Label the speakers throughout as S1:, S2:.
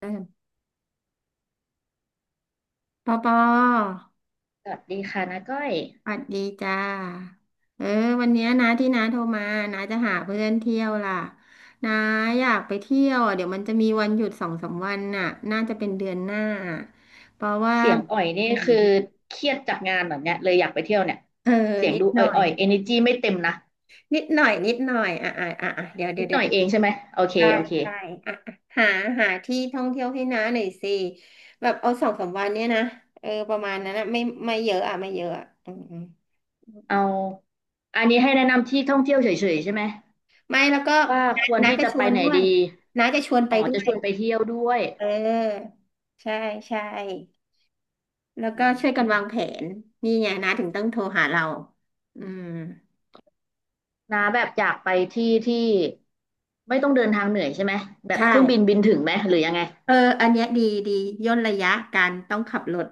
S1: เออปอปอ
S2: สวัสดีค่ะนาก้อย
S1: สวัสดีจ้าเออวันเนี้ยนะที่น้าโทรมาน้าจะหาเพื่อนเที่ยวล่ะน้าอยากไปเที่ยวอ่ะเดี๋ยวมันจะมีวันหยุดสองสามวันน่ะน่าจะเป็นเดือนหน้าเพราะว่า
S2: เสียงอ่อยนี่
S1: ไปไหน
S2: คือ
S1: ดี
S2: เครียดจากงานแบบเนี้ยเลยอยากไปเที่ยวเนี่ย
S1: เออ
S2: เสียง
S1: นิ
S2: ดู
S1: ดหน่อย
S2: อ่อยๆ energy ไม่เต็มนะ
S1: นิดหน่อยอ่ะเดี๋ยวเดี๋
S2: นิ
S1: ย
S2: ด
S1: ว
S2: ห
S1: เดี๋
S2: น่
S1: ย
S2: อ
S1: ว
S2: ยเองใช่ไหมโอเค
S1: ใช่
S2: โอเค
S1: ใช่อ่ะหาที่ท่องเที่ยวให้น้าหน่อยสิแบบเอาสองสามวันเนี้ยนะเออประมาณนั้นนะไม่เยอะอ่ะไม่เยอะอ่ะอืม
S2: เอาอันนี้ให้แนะนำที่ท่องเที่ยวเฉยๆใช่ไหม
S1: ไม่แล้วก็
S2: ว่าควร
S1: น้า
S2: ที่
S1: จะ
S2: จะ
S1: ช
S2: ไป
S1: วน
S2: ไหน
S1: ด้วย
S2: ดี
S1: น้าจะชวน
S2: อ๋
S1: ไป
S2: อ
S1: ด้
S2: จะ
S1: ว
S2: ช
S1: ย
S2: วนไปเที่ยวด้วย
S1: เออใช่ใช่แล้ว
S2: อื
S1: ก็ช่วยกันวางแผ
S2: ม
S1: นนี่ไงน้าถึงต้องโทรหาเราอืม
S2: นาแบบอยากไปที่ที่ไม่ต้องเดินทางเหนื่อยใช่ไหมแบบ
S1: ใช่
S2: เครื่องบินบินถึงไหมหรือยังไง
S1: เอออันเนี้ยดีดีย่นระยะการต้องขับรถ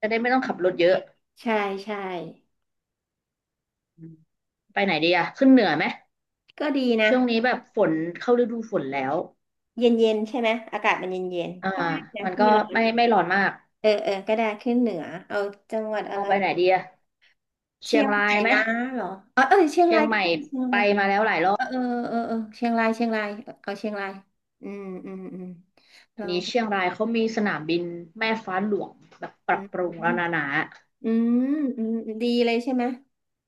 S2: จะได้ไม่ต้องขับรถเยอะ
S1: ใช่ใช่
S2: อืมไปไหนดีอะขึ้นเหนือไหม
S1: ก็ดีนะ
S2: ช่วงนี้แบบฝนเข้าฤดูฝนแล้ว
S1: เย็นเย็นใช่ไหมอากาศมันเย็นเย็น
S2: อ่า
S1: ก็ได้นะ
S2: มันก็
S1: ไม่ร้อน
S2: ไม่ร้อนมาก
S1: เออก็ได้ขึ้นเหนือเอาจังหวัดอะ
S2: เอา
S1: ไร
S2: ไปไหนดีอะ เชี
S1: เชี
S2: ย
S1: ย
S2: ง
S1: ง
S2: รา
S1: ให
S2: ย
S1: ม่
S2: ไหม
S1: นะเหรอเออเชียง
S2: เชีย
S1: รา
S2: ง
S1: ย
S2: ให
S1: ก็
S2: ม่
S1: ดีเชียง
S2: ไป
S1: ราย
S2: มาแล้วหลายรอ
S1: เอ
S2: บ
S1: อเออเออเชียงรายเอาเชียงรายอืมอืมอืมล
S2: เดี๋ย
S1: อ
S2: ว
S1: ง
S2: นี้เชียงรายเขามีสนามบินแม่ฟ้าหลวงแบบป
S1: อื
S2: รับ
S1: ม
S2: ปรุงแล้วนะ
S1: อืมอืมดีเลยใช่ไหม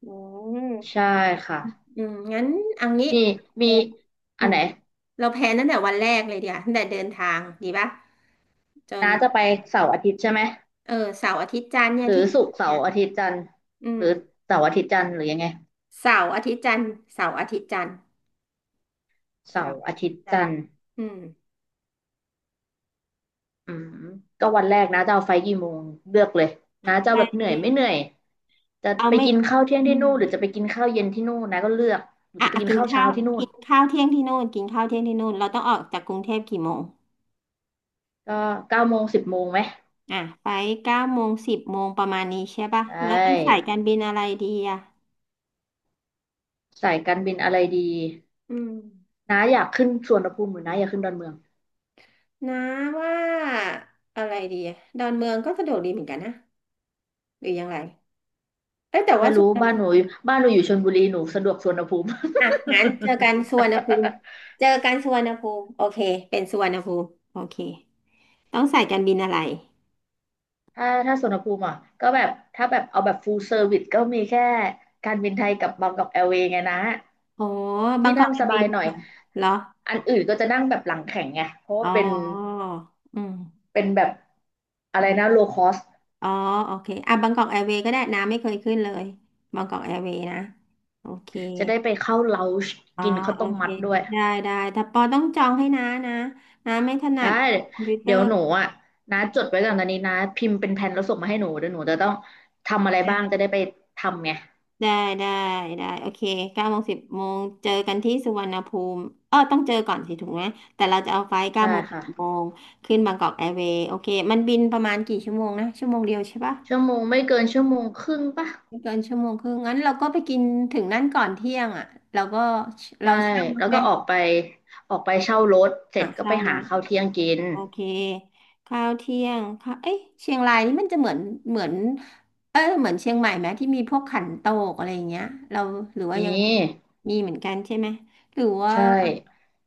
S1: อืม
S2: ใช่ค่ะ
S1: อืมงั้นเอางี้
S2: นี่
S1: แพ
S2: มี
S1: ลนอื
S2: อัน
S1: ม
S2: ไหน
S1: เราแพลนตั้งแต่วันแรกเลยเดียวาตั้งแต่เดินทางดีป่ะจน
S2: น้าจะไปเสาร์อาทิตย์ใช่ไหม
S1: เออเสาร์อาทิตย์จันทร์เนี่
S2: ห
S1: ย
S2: รือ
S1: ที่จะ
S2: ศุก
S1: ถึ
S2: ร์
S1: ง
S2: เสา
S1: เนี่ย
S2: ร์อาทิตย์จันทร์
S1: อื
S2: ห
S1: ม
S2: รือเสาร์อาทิตย์จันทร์หรือยังไง
S1: เสาร์อาทิตย์จันทร์เสาร์อาทิตย์จันทร์
S2: เสา
S1: เสา
S2: ร์
S1: ร์
S2: อา
S1: อาทิ
S2: ทิ
S1: ต
S2: ต
S1: ย์
S2: ย์
S1: จัน
S2: จั
S1: ท
S2: น
S1: ร์
S2: ทร์
S1: อืม
S2: อืมก็วันแรกนะจะเอาไฟล์กี่โมงเลือกเลยนะจะ
S1: แต
S2: เอาแบบเห
S1: ่
S2: นื่อยไม่เหนื่อยจะ
S1: เอา
S2: ไป
S1: ไม่
S2: กินข้าวเที่ยง
S1: อื
S2: ที่นู่นหรื
S1: ม
S2: อจะไปกินข้าวเย็นที่นู่นนะก็เลือกหรือ
S1: อ่ะ
S2: จะไป
S1: อ่ะ
S2: กิน
S1: กิน
S2: ข้าวเช้า
S1: ข้าว
S2: ที่นู่
S1: กิ
S2: น
S1: นข้าวเที่ยงที่นู่นกินข้าวเที่ยงที่นู่นเราต้องออกจากกรุงเทพกี่โมง
S2: ก็9 โมง 10 โมงไหม
S1: อ่ะไปเก้าโมงสิบโมงประมาณนี้ใช่ปะ
S2: ได
S1: แล้วต้องสาย
S2: ้
S1: การบินอะไรดีอ่ะ
S2: สายการบินอะไรดี
S1: อืม
S2: นะอยากขึ้นสุวรรณภูมิหรือนะอยากขึ้นดอนเมือง
S1: นะว่าอะไรดีอะดอนเมืองก็สะดวกดีเหมือนกันนะหรือยังไรเอ้ยแต่ว่า
S2: ไม่
S1: สุ
S2: รู้
S1: วรรณ
S2: บ้าน
S1: ภู
S2: หนู
S1: มิ
S2: บ้านหนูอยู่ชลบุรีหนูสะดวกสุวรรณภูมิ
S1: อ่ะงั้นเจอกันสุวรรณภูมิเจอกันสุวรรณภูมิโอเคเป็นสุวรรณภูมิโอเคต้องสายการบินอะไร
S2: ถ้าสุวรรณภูมิอ่ะก็แบบถ้าแบบเอาแบบ full service ก็มีแค่การบินไทยกับบางกอกแอร์เวย์ไงนะ
S1: อ๋อบา
S2: ที่
S1: งกอ
S2: นั่
S1: ก
S2: ง
S1: แอ
S2: ส
S1: ร์เว
S2: บา
S1: ย์
S2: ย
S1: ดี
S2: หน่
S1: ก
S2: อย
S1: ว่าเหรอ
S2: อันอื่นก็จะนั่งแบบหลังแข็งไงเพราะว่า
S1: อ๋อ
S2: เป็น
S1: อืม
S2: แบบอะ
S1: อื
S2: ไร
S1: ม
S2: นะ low cost
S1: อ๋อโอเคอ่ะบางกอกแอร์เวย์ก็ได้น้ำไม่เคยขึ้นเลยบางกอกแอร์เวย์นะโอเค
S2: จะได้ไปเข้า lounge
S1: อ๋อ
S2: กินข้าว
S1: โอ
S2: ต้ม
S1: เค
S2: มัดด้วย
S1: ได้ได้แต่ปอต้องจองให้น้านะน้าไม่ถนั
S2: ได้
S1: ดคอมพิวเตอ
S2: เดี๋ยว
S1: ร์
S2: หนูอ่ะนะจดไว้ก่อนตอนนี้นะพิมพ์เป็นแผนแล้วส่งมาให้หนูเดี๋ยวหนูจะต้องทำอะไร
S1: ได
S2: บ้าง
S1: ้
S2: จะได้ไปทำไง
S1: ได้ได้โอเคเก้าโมงสิบโมงเจอกันที่สุวรรณภูมิเออต้องเจอก่อนสิถูกไหมแต่เราจะเอาไฟล์เก้า
S2: ได้
S1: โมงสิบโม
S2: ค่ะ
S1: งขึ้นบางกอกแอร์เวย์โอเคมันบินประมาณกี่ชั่วโมงนะชั่วโมงเดียวใช่ปะ
S2: ชั่วโมงไม่เกินชั่วโมงครึ่งปะ
S1: ไม่เกินชั่วโมงครึ่งงั้นเราก็ไปกินถึงนั่นก่อนเที่ยงอ่ะเราก็เรา
S2: ใช่
S1: เช่ารถ
S2: แล้ว
S1: ไหม
S2: ก็ออกไปเช่ารถเสร็
S1: อ่ะ
S2: จก็ไป
S1: เช่าร
S2: หา
S1: ถ
S2: ข้าวเที่ยงกิน
S1: โอเคข้าวเที่ยงค่ะเอ๊ะเชียงรายนี่มันจะเหมือนเออเหมือนเชียงใหม่ไหมที่มีพวกขันโตกอะไรอย่างเงี้ยเราหรือว่า
S2: นี
S1: ยัง
S2: ่
S1: มีเหมือนกันใช่ไหมหรือว่า
S2: ใช่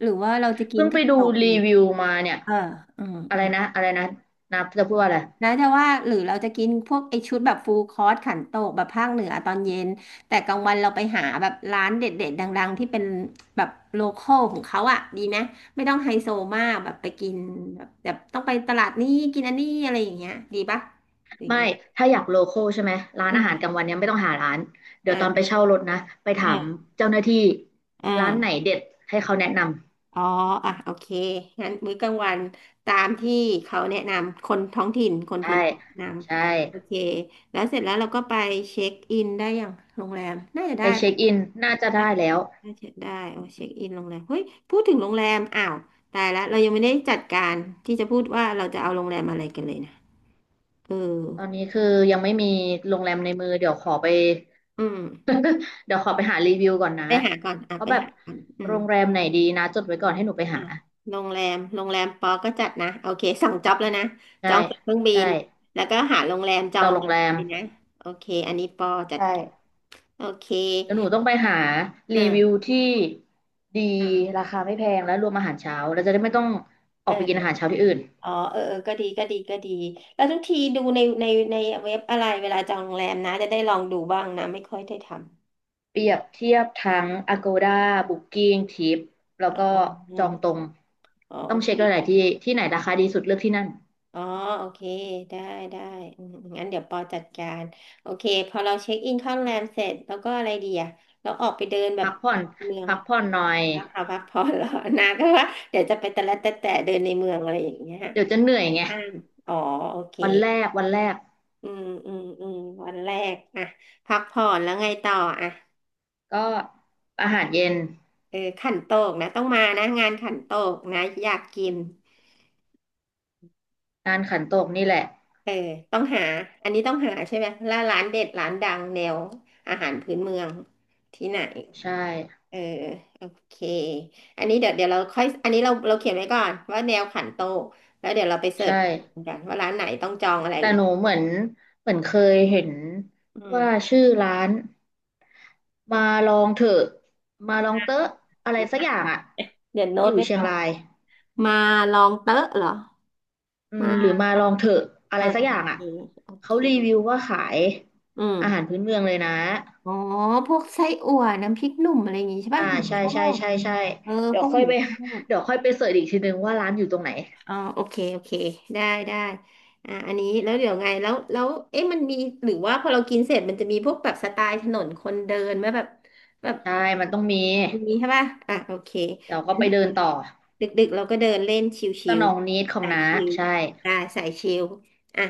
S1: หรือว่าเราจะกิ
S2: เพิ่
S1: น
S2: งไป
S1: ขัน
S2: ดู
S1: โตก
S2: รี
S1: เย็น
S2: วิวมาเนี่ย
S1: เอออืม
S2: อะ
S1: อื
S2: ไร
S1: ม
S2: นะอะไรนะนะจะพูดว่าอะไร
S1: แล้วจะว่าหรือเราจะกินพวกไอชุดแบบฟูลคอร์สขันโตกแบบภาคเหนือตอนเย็นแต่กลางวันเราไปหาแบบร้านเด็ดๆดังๆที่เป็นแบบโลคอลของเขาอ่ะดีไหมไม่ต้องไฮโซมากแบบไปกินแบบต้องไปตลาดนี้กินอันนี้อะไรอย่างเงี้ยดีปะหรือ
S2: ไม่
S1: ยังไง
S2: ถ้าอยากโลคอลใช่ไหมร้าน
S1: อื
S2: อาหารกลาง
S1: ม
S2: วันเนี่ยไม่ต้องหาร้านเดี๋
S1: อ่
S2: ยวตอนไป
S1: า
S2: เช่ารถนะไปถา
S1: อ่
S2: ม
S1: า
S2: เจ้าหน้าที่
S1: อ
S2: ร้านไหน
S1: ่า
S2: เด็ดให้เขาแนะนำ
S1: อ๋ออ่ะโอเคงั้นมื้อกลางวันตามที่เขาแนะนำคนท้องถิ่นคน
S2: ใช่
S1: พื้นที่แนะน
S2: ใช่
S1: ำโอเคแล้วเสร็จแล้วเราก็ไปเช็คอินได้อย่างโรงแรมน่าจะ
S2: ไป
S1: ได้
S2: เช็คอินน่าจะได้แล้ว
S1: น่าเช็คได้โอ้เช็คอินโรงแรมเฮ้ยพูดถึงโรงแรมอ้าวตายละเรายังไม่ได้จัดการที่จะพูดว่าเราจะเอาโรงแรมอะไรกันเลยนะเออ
S2: ตอนนี้คือยังไม่มีโรงแรมในมือเดี๋ยวขอไป
S1: อืม
S2: เดี๋ยวขอไปหารีวิวก่อนนะว่า
S1: ไป
S2: แบบ
S1: หาก่อนอื
S2: โร
S1: ม
S2: งแรมไหนดีนะจดไว้ก่อนให้หนูไปหา
S1: อ่ะโรงแรมปอก็จัดนะโอเคสั่งจ็อบแล้วนะจ
S2: ใช่
S1: องตั๋วเครื่องบิ
S2: ใช่
S1: นแล้วก็หาโรงแรมจอง
S2: ต่อ
S1: โร
S2: โร
S1: งแร
S2: ง
S1: ม
S2: แรม
S1: เลยนะโอเคอันนี้ปอจัด
S2: ใช่
S1: โอเค
S2: เดี๋ยวหนูต้องไปหารีวิว
S1: อ่า
S2: ที่ดี
S1: อ่า
S2: ราคาไม่แพงและรวมอาหารเช้าเราจะได้ไม่ต้องออกไปกินอา
S1: เออ
S2: หารเช้าที่อื่น
S1: อ๋อเออเออก็ดีแล้วทุกทีดูในในเว็บอะไรเวลาจองโรงแรมนะจะได้ลองดูบ้างนะไม่ค่อยได้ท
S2: เปรียบเทียบทั้ง Agoda Booking Trip แล้ว
S1: ำอ๋
S2: ก็จองตร
S1: อ
S2: ง
S1: อ๋อ
S2: ต้อ
S1: โอ
S2: ง
S1: เค
S2: เช็คหลายๆที่ที่ไหนราคาดีสุดเลือกที่นั่น
S1: อ๋อโอเคได้ได้อืมงั้นเดี๋ยวปอจัดการโอเคพอเราเช็คอินเข้าโรงแรมเสร็จแล้วก็อะไรดีอะะเราออกไปเดินแบบ
S2: พักผ่อน
S1: เมือง
S2: พักผ่อนหน่อย
S1: พักเอาพักผ่อนเหรอนาก็ว่าเดี๋ยวจะไปแต่ละแต่แต่เดินในเมืองอะไรอย่างเงี้ย
S2: เดี๋ยวจะเหนื่อยไง
S1: ห้ามอ๋อโอเค
S2: วันแรกวันแรก
S1: อืมอืมอืมวันแรกอะพักผ่อนแล้วไงต่ออะ
S2: ก็อาหารเย็น
S1: เออขันโตกนะต้องมานะงานขันโตกนะอยากกิน
S2: ร้านขันโตกนี่แหละ
S1: เออต้องหาอันนี้ต้องหาใช่ไหมแล้วร้านเด็ดร้านดังแนวอาหารพื้นเมืองที่ไหน
S2: ใช่
S1: เออโอเคอันนี้เดี๋ยวเราค่อยอันนี้เราเขียนไว้ก่อนว่าแนวขันโตกแล้วเดี๋ยวเราไปเสิร์
S2: ใช่
S1: ชกันว่าร้านไหนต้องจองอะไร
S2: แต่
S1: หรือ
S2: หนูเหมือนเหมือนเคยเห็น
S1: อื
S2: ว่า
S1: ม
S2: ชื่อร้านมาลองเถอะมาลองเตอะอะไรสักอย่างอ่ะ
S1: เดี๋ยวโน้
S2: อ
S1: ต
S2: ยู่
S1: ไว้
S2: เชียง
S1: ก่อน
S2: ราย
S1: มาลองเต๊ะเหรอ
S2: อืม
S1: มา
S2: หรือมาลองเถอะอะไร
S1: อ่ะ
S2: สักอ
S1: โอ
S2: ย่าง
S1: เค
S2: อ่ะ
S1: โอ
S2: เขา
S1: เค
S2: รีวิวว่าขาย
S1: อืม
S2: อาหารพื้นเมืองเลยนะ
S1: อ๋อพวกไส้อั่วน้ำพริกหนุ่มอะไรอย่างงี้ใช่
S2: อ่า
S1: ป่ะหนู
S2: ใช่
S1: ชอ
S2: ใช่
S1: บ
S2: ใช่ใช่
S1: เออ
S2: เดี๋ย
S1: พ
S2: ว
S1: วก
S2: ค่อ
S1: ห
S2: ย
S1: มู
S2: ไป
S1: ทอด
S2: เดี๋ยวค่อยไปเสิร์ชอีกทีนึงว่าร้านอยู่ตรงไหน
S1: อ๋อโอเคโอเคได้ได้อันนี้แล้วเดี๋ยวไงแล้วเอ๊ะมันมีหรือว่าพอเรากินเสร็จมันจะมีพวกแบบสไตล์ถนนคนเดินไหมแบบ
S2: ใช่มันต้องมี
S1: มีใช่ป่ะอ่ะโอเค
S2: เดี๋ยวก็ไปเดินต่อ
S1: ดึกๆเราก็เดินเล่นช
S2: ส
S1: ิว
S2: นองนิดข
S1: ๆ
S2: อง
S1: สาย
S2: น้า
S1: ชิว
S2: ใช่
S1: ได้สายชิวอ่ะ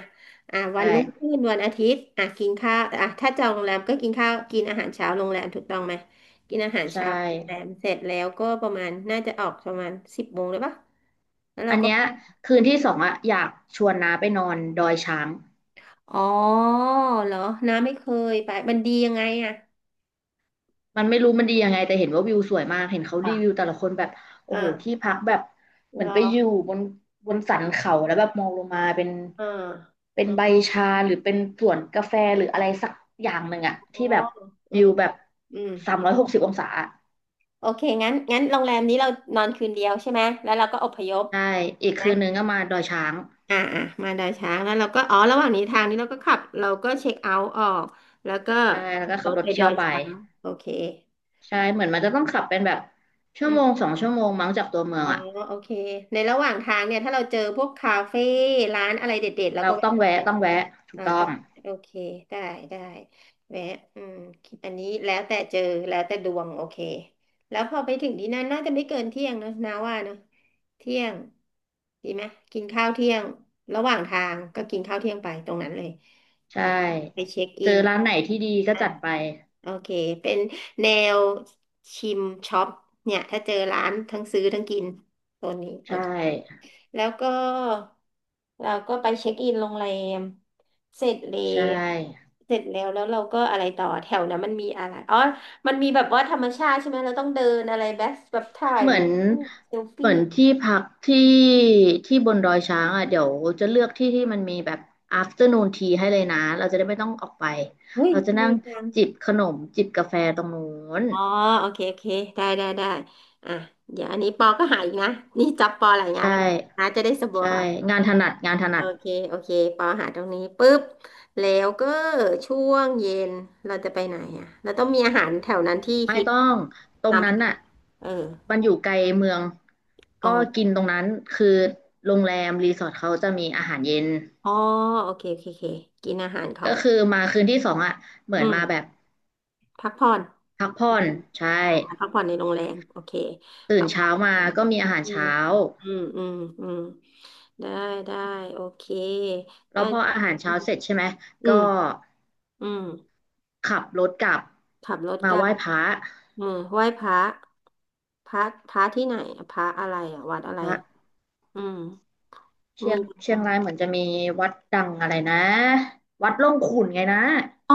S1: อ่ะวัน
S2: ใช่
S1: รุ่งขึ้นวันอาทิตย์อ่ะกินข้าวอ่ะถ้าจองโรงแรมก็กินข้าวกินอาหารเช้าโรงแรมถูกต้องไหมกินอาหาร
S2: ใช่
S1: เช้าโรงแรมเสร็จแล้วก็ประมาณน่าจะออกประมาณสิบโมงเลยปะแล้วเรา
S2: อัน
S1: ก็
S2: เนี้ยคืนที่สองอะอยากชวนน้าไปนอนดอยช้าง
S1: อ๋อเหรอน้าไม่เคยไปมันดียังไงอ่ะ
S2: มันไม่รู้มันดียังไงแต่เห็นว่าวิวสวยมากเห็นเขารีวิว
S1: อ่ะ
S2: แต่ละคนแบบโอ้โหที่
S1: อ่า
S2: พักแบบเหมือ
S1: ร
S2: นไป
S1: อ
S2: อยู่บนบนสันเขาแล้วแบบมองลงมาเป็น
S1: อ่า
S2: เป็นใบชาหรือเป็นสวนกาแฟหรืออะไรสักอย่างหนึ่งอะ
S1: อ๋อ
S2: ที่แบบ
S1: อื
S2: วิว
S1: ม
S2: แบบ
S1: อืม
S2: 360 องศาอะ
S1: โอเคงั้นโรงแรมนี้เรานอนคืนเดียวใช่ไหมแล้วเราก็อพยพ
S2: ใช่อีก
S1: นะ
S2: คืนนึงก็มาดอยช้าง
S1: อ่ามาดอยช้างแล้วเราก็อ๋อระหว่างนี้ทางนี้เราก็ขับเราก็เช็คเอาท์ออกแล้วก็
S2: ใช่แล้วก็
S1: ร
S2: ขับ
S1: ถ
S2: รถ
S1: ไปด
S2: เที่ย
S1: อ
S2: ว
S1: ย
S2: ไป
S1: ช้างโอเค
S2: ใช่เหมือนมันจะต้องขับเป็นแบบชั่
S1: อื
S2: วโมง
S1: ม
S2: 2 ชั่วโมงมั้งจากตัวเมือง
S1: อ๋อ
S2: อ่ะ
S1: โอเคในระหว่างทางเนี่ยถ้าเราเจอพวกคาเฟ่ร้านอะไรเด็ดๆเรา
S2: เรา
S1: ก็
S2: ต้
S1: แวะ
S2: องแวะต้องแวะถูก
S1: อ่า
S2: ต้อ
S1: ได้
S2: ง
S1: โอเคได้ได้แวะอืมอันนี้แล้วแต่เจอแล้วแต่ดวงโอเคแล้วพอไปถึงที่นั่นน่าจะไม่เกินเที่ยงเนอะนาว่าเนอะเที่ยงดีไหมกินข้าวเที่ยงระหว่างทางก็กินข้าวเที่ยงไปตรงนั้นเลย
S2: ใช่
S1: แล้วไปเช็ค
S2: เจ
S1: อิ
S2: อ
S1: น
S2: ร้านไหนที่ดีก็
S1: อ่า
S2: จัดไป
S1: โอเคเป็นแนวชิมช็อปเนี่ยถ้าเจอร้านทั้งซื้อทั้งกินโซนนี้โอ
S2: ใช่
S1: เค แล้วก็เราก็ไปเช็คอินโรงแรมเสร็จแล้
S2: ใช่
S1: วเราก็อะไรต่อแถวนั้นมันมีอะไรอ๋อมันมีแบบว่าธรรมชาติใช่ไหมเราต้องเดินอะไรแบบถ่าย
S2: เหมื
S1: รู
S2: อน
S1: ปเซล
S2: เห
S1: ฟี่
S2: มือนที่พักที่ที่บนดอยช้างอ่ะเดี๋ยวจะเลือกที่ที่มันมีแบบ afternoon tea ให้เลยนะเราจะได้ไม่ต้องออกไป
S1: เฮ้ย
S2: เราจะนั่
S1: ดี
S2: ง
S1: จัง
S2: จิบขนมจิบกาแฟตรงนู้น
S1: อ๋อโอเคโอเคได้ได้ได้อ่ะเดี๋ยวอันนี้ปอก็หาอีกนะนี่จับปอหลายงาน
S2: ใช่
S1: แล้วนะจะได้สบา
S2: ใช่
S1: ย
S2: งานถนัดงานถนั
S1: โอ
S2: ด
S1: เคโอเคปอหาตรงนี้ปุ๊บแล้วก็ช่วงเย็นเราจะไปไหนอ่ะเราต้องมีอาหารแถวนั้นที่
S2: ไม่
S1: ฮิต
S2: ต้องตรง
S1: น้ำ
S2: นั้
S1: ไม่
S2: น
S1: ต้อง
S2: น่ะ
S1: เออ
S2: มันอยู่ไกลเมือง
S1: อ๋อ
S2: ก็กินตรงนั้นคือโรงแรมรีสอร์ทเขาจะมีอาหารเย็น
S1: อ๋อโอเคโอเคโอเคกินอาหารขอ
S2: ก็
S1: ง
S2: คือมาคืนที่สองอ่ะเหมือ
S1: อื
S2: น
S1: ม
S2: มาแบบ
S1: พักผ่อน
S2: พักผ่
S1: โอ
S2: อน
S1: เค
S2: ใช่
S1: ออกมาพักผ่อนในโรงแรมโอเค
S2: ตื่
S1: พั
S2: น
S1: กผ่
S2: เช้า
S1: อนใน
S2: มา
S1: โรงแร
S2: ก็
S1: ม
S2: มีอาหาร
S1: อืม
S2: เช้า
S1: อืมอืมอืมได้ได้โอเค
S2: แล้
S1: ได้
S2: วพออาหาร
S1: อื
S2: เช้า
S1: ม
S2: เสร็จใช่ไหม
S1: อื
S2: ก็
S1: มอืม
S2: ขับรถกลับ
S1: ขับรถ
S2: มา
S1: กลั
S2: ไห
S1: บ
S2: ว้พระ
S1: อืมไหว้พระพระพระที่ไหนพระอะไรอ่ะวัดอะไร
S2: พระ
S1: อืม
S2: เชีย
S1: มี
S2: งเชียงรายเหมือนจะมีวัดดังอะไรนะวัดร่องขุ่นไงนะ
S1: อ๋อ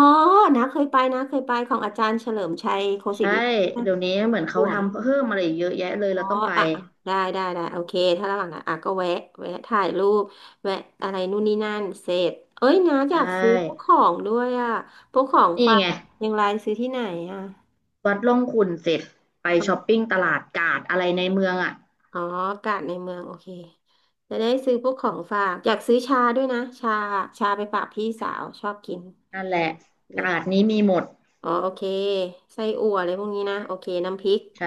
S1: นะเคยไปนะเคยไปของอาจารย์เฉลิมชัยโคศิ
S2: ใช่
S1: ริพัฒน์น
S2: เดี๋ยวนี้เห
S1: ะ
S2: มือน
S1: ส
S2: เขา
S1: วย
S2: ทำเพิ่มอะไรอีกเยอะแยะเลย
S1: อ๋
S2: เรา
S1: อ
S2: ต้องไป
S1: อ่ะอ่ะได้ได้ได้โอเคถ้าระหว่างนั้นอ่ะก็แวะแวะถ่ายรูปแวะอะไรนู่นนี่นั่นเสร็จเอ้ยนะอ
S2: ใช่
S1: ยากซื้อพวกของด้วยอ่ะพวกของ
S2: นี่
S1: ฝาก
S2: ไง
S1: เชียังไงซื้อที่ไหนอ่ะ
S2: วัดร่องขุ่นเสร็จไป
S1: อ๋
S2: ช้อป
S1: อ
S2: ปิ้งตลาดกาดอะไรในเมืองอ่ะ
S1: อ๋ออากาศในเมืองโอเคจะได้ซื้อพวกของฝากอยากซื้อชาด้วยนะชาชาไปฝากพี่สาวชอบกิน
S2: นั่นแหละ
S1: เออ
S2: กาดนี้มีหมด
S1: อ๋อโอเคไส้อั่วอะไรพวกนี้นะโอเคน้ำพริก
S2: ใช่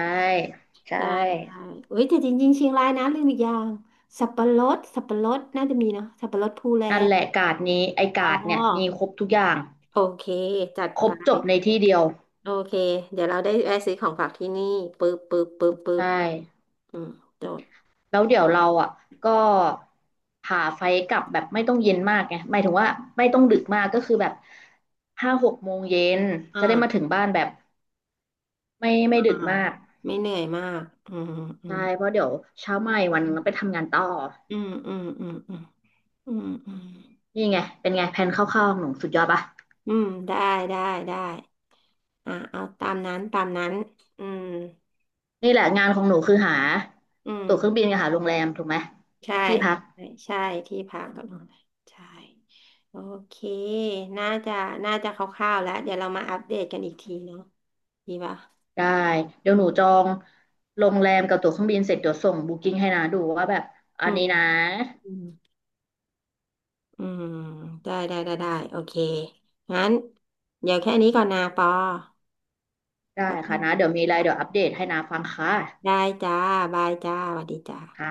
S2: ใช่
S1: ได้ได้เอ้ยแต่จริงๆเชียงรายนะลืมอีกอย่างสับปะรดน่าจะมีเนาะสับปะรดภูแล
S2: นั่นแหละกาดนี้ไอ้
S1: อ๋อ
S2: กาดเนี่ยมีครบทุกอย่าง
S1: โอเคจัด
S2: คร
S1: ไป
S2: บจบในที่เดียว
S1: โอเคเดี๋ยวเราได้แวะซื้อของฝากที่นี่ปึ๊บปึ๊บปึ๊บปึ๊
S2: ใช่
S1: บอืมจด
S2: แล้วเดี๋ยวเราอ่ะก็หาไฟกลับแบบไม่ต้องเย็นมากไงหมายถึงว่าไม่ต้องดึกมากก็คือแบบ5-6 โมงเย็นจะได้มาถึ
S1: อ่า
S2: งบ้านแบบ ไม่ดึ
S1: อ่า
S2: กมาก
S1: ไม่เหนื่อยมากอืมอื
S2: ใช่
S1: ม
S2: เพราะเดี๋ยวเช้าใหม่วันหนึง
S1: อื
S2: ต้องไปทำงานต่อ
S1: มอืมอืมอืมอืมอืม
S2: นี่ไงเป็นไงแผนคร่าวๆของหนูสุดยอดปะ
S1: อืมได้ได้ได้อ่าเอาตามนั้นตามนั้นอืม
S2: นี่แหละงานของหนูคือหา
S1: อืม
S2: ตั๋วเครื่องบินกับหาโรงแรมถูกไหม
S1: ใช่
S2: ที่พัก
S1: ใช่ใช่ที่พักกับโรงแรมใช่โอเคน่าจะน่าจะคร่าวๆแล้วเดี๋ยวเรามาอัปเดตกันอีกทีเนาะดีป่ะ
S2: ได้เดี๋
S1: อื
S2: ยวหนูจ
S1: ม
S2: องโรงแรมกับตั๋วเครื่องบินเสร็จเดี๋ยวส่งบุ๊กิ้งให้นาดูว่าแบบอั
S1: อื
S2: น
S1: ม
S2: นี้นะ
S1: อืมอืมได้ได้ได้ได้โอเคงั้นเดี๋ยวแค่นี้ก่อนนะปอ
S2: ได้
S1: ครั
S2: ค่ะนะ
S1: บ
S2: เดี๋ยวมีอะไรเดี๋ยวอัปเดตให้นาฟังค่ะ
S1: ได้จ้าบายจ้าสวัสดีจ้า
S2: ค่ะ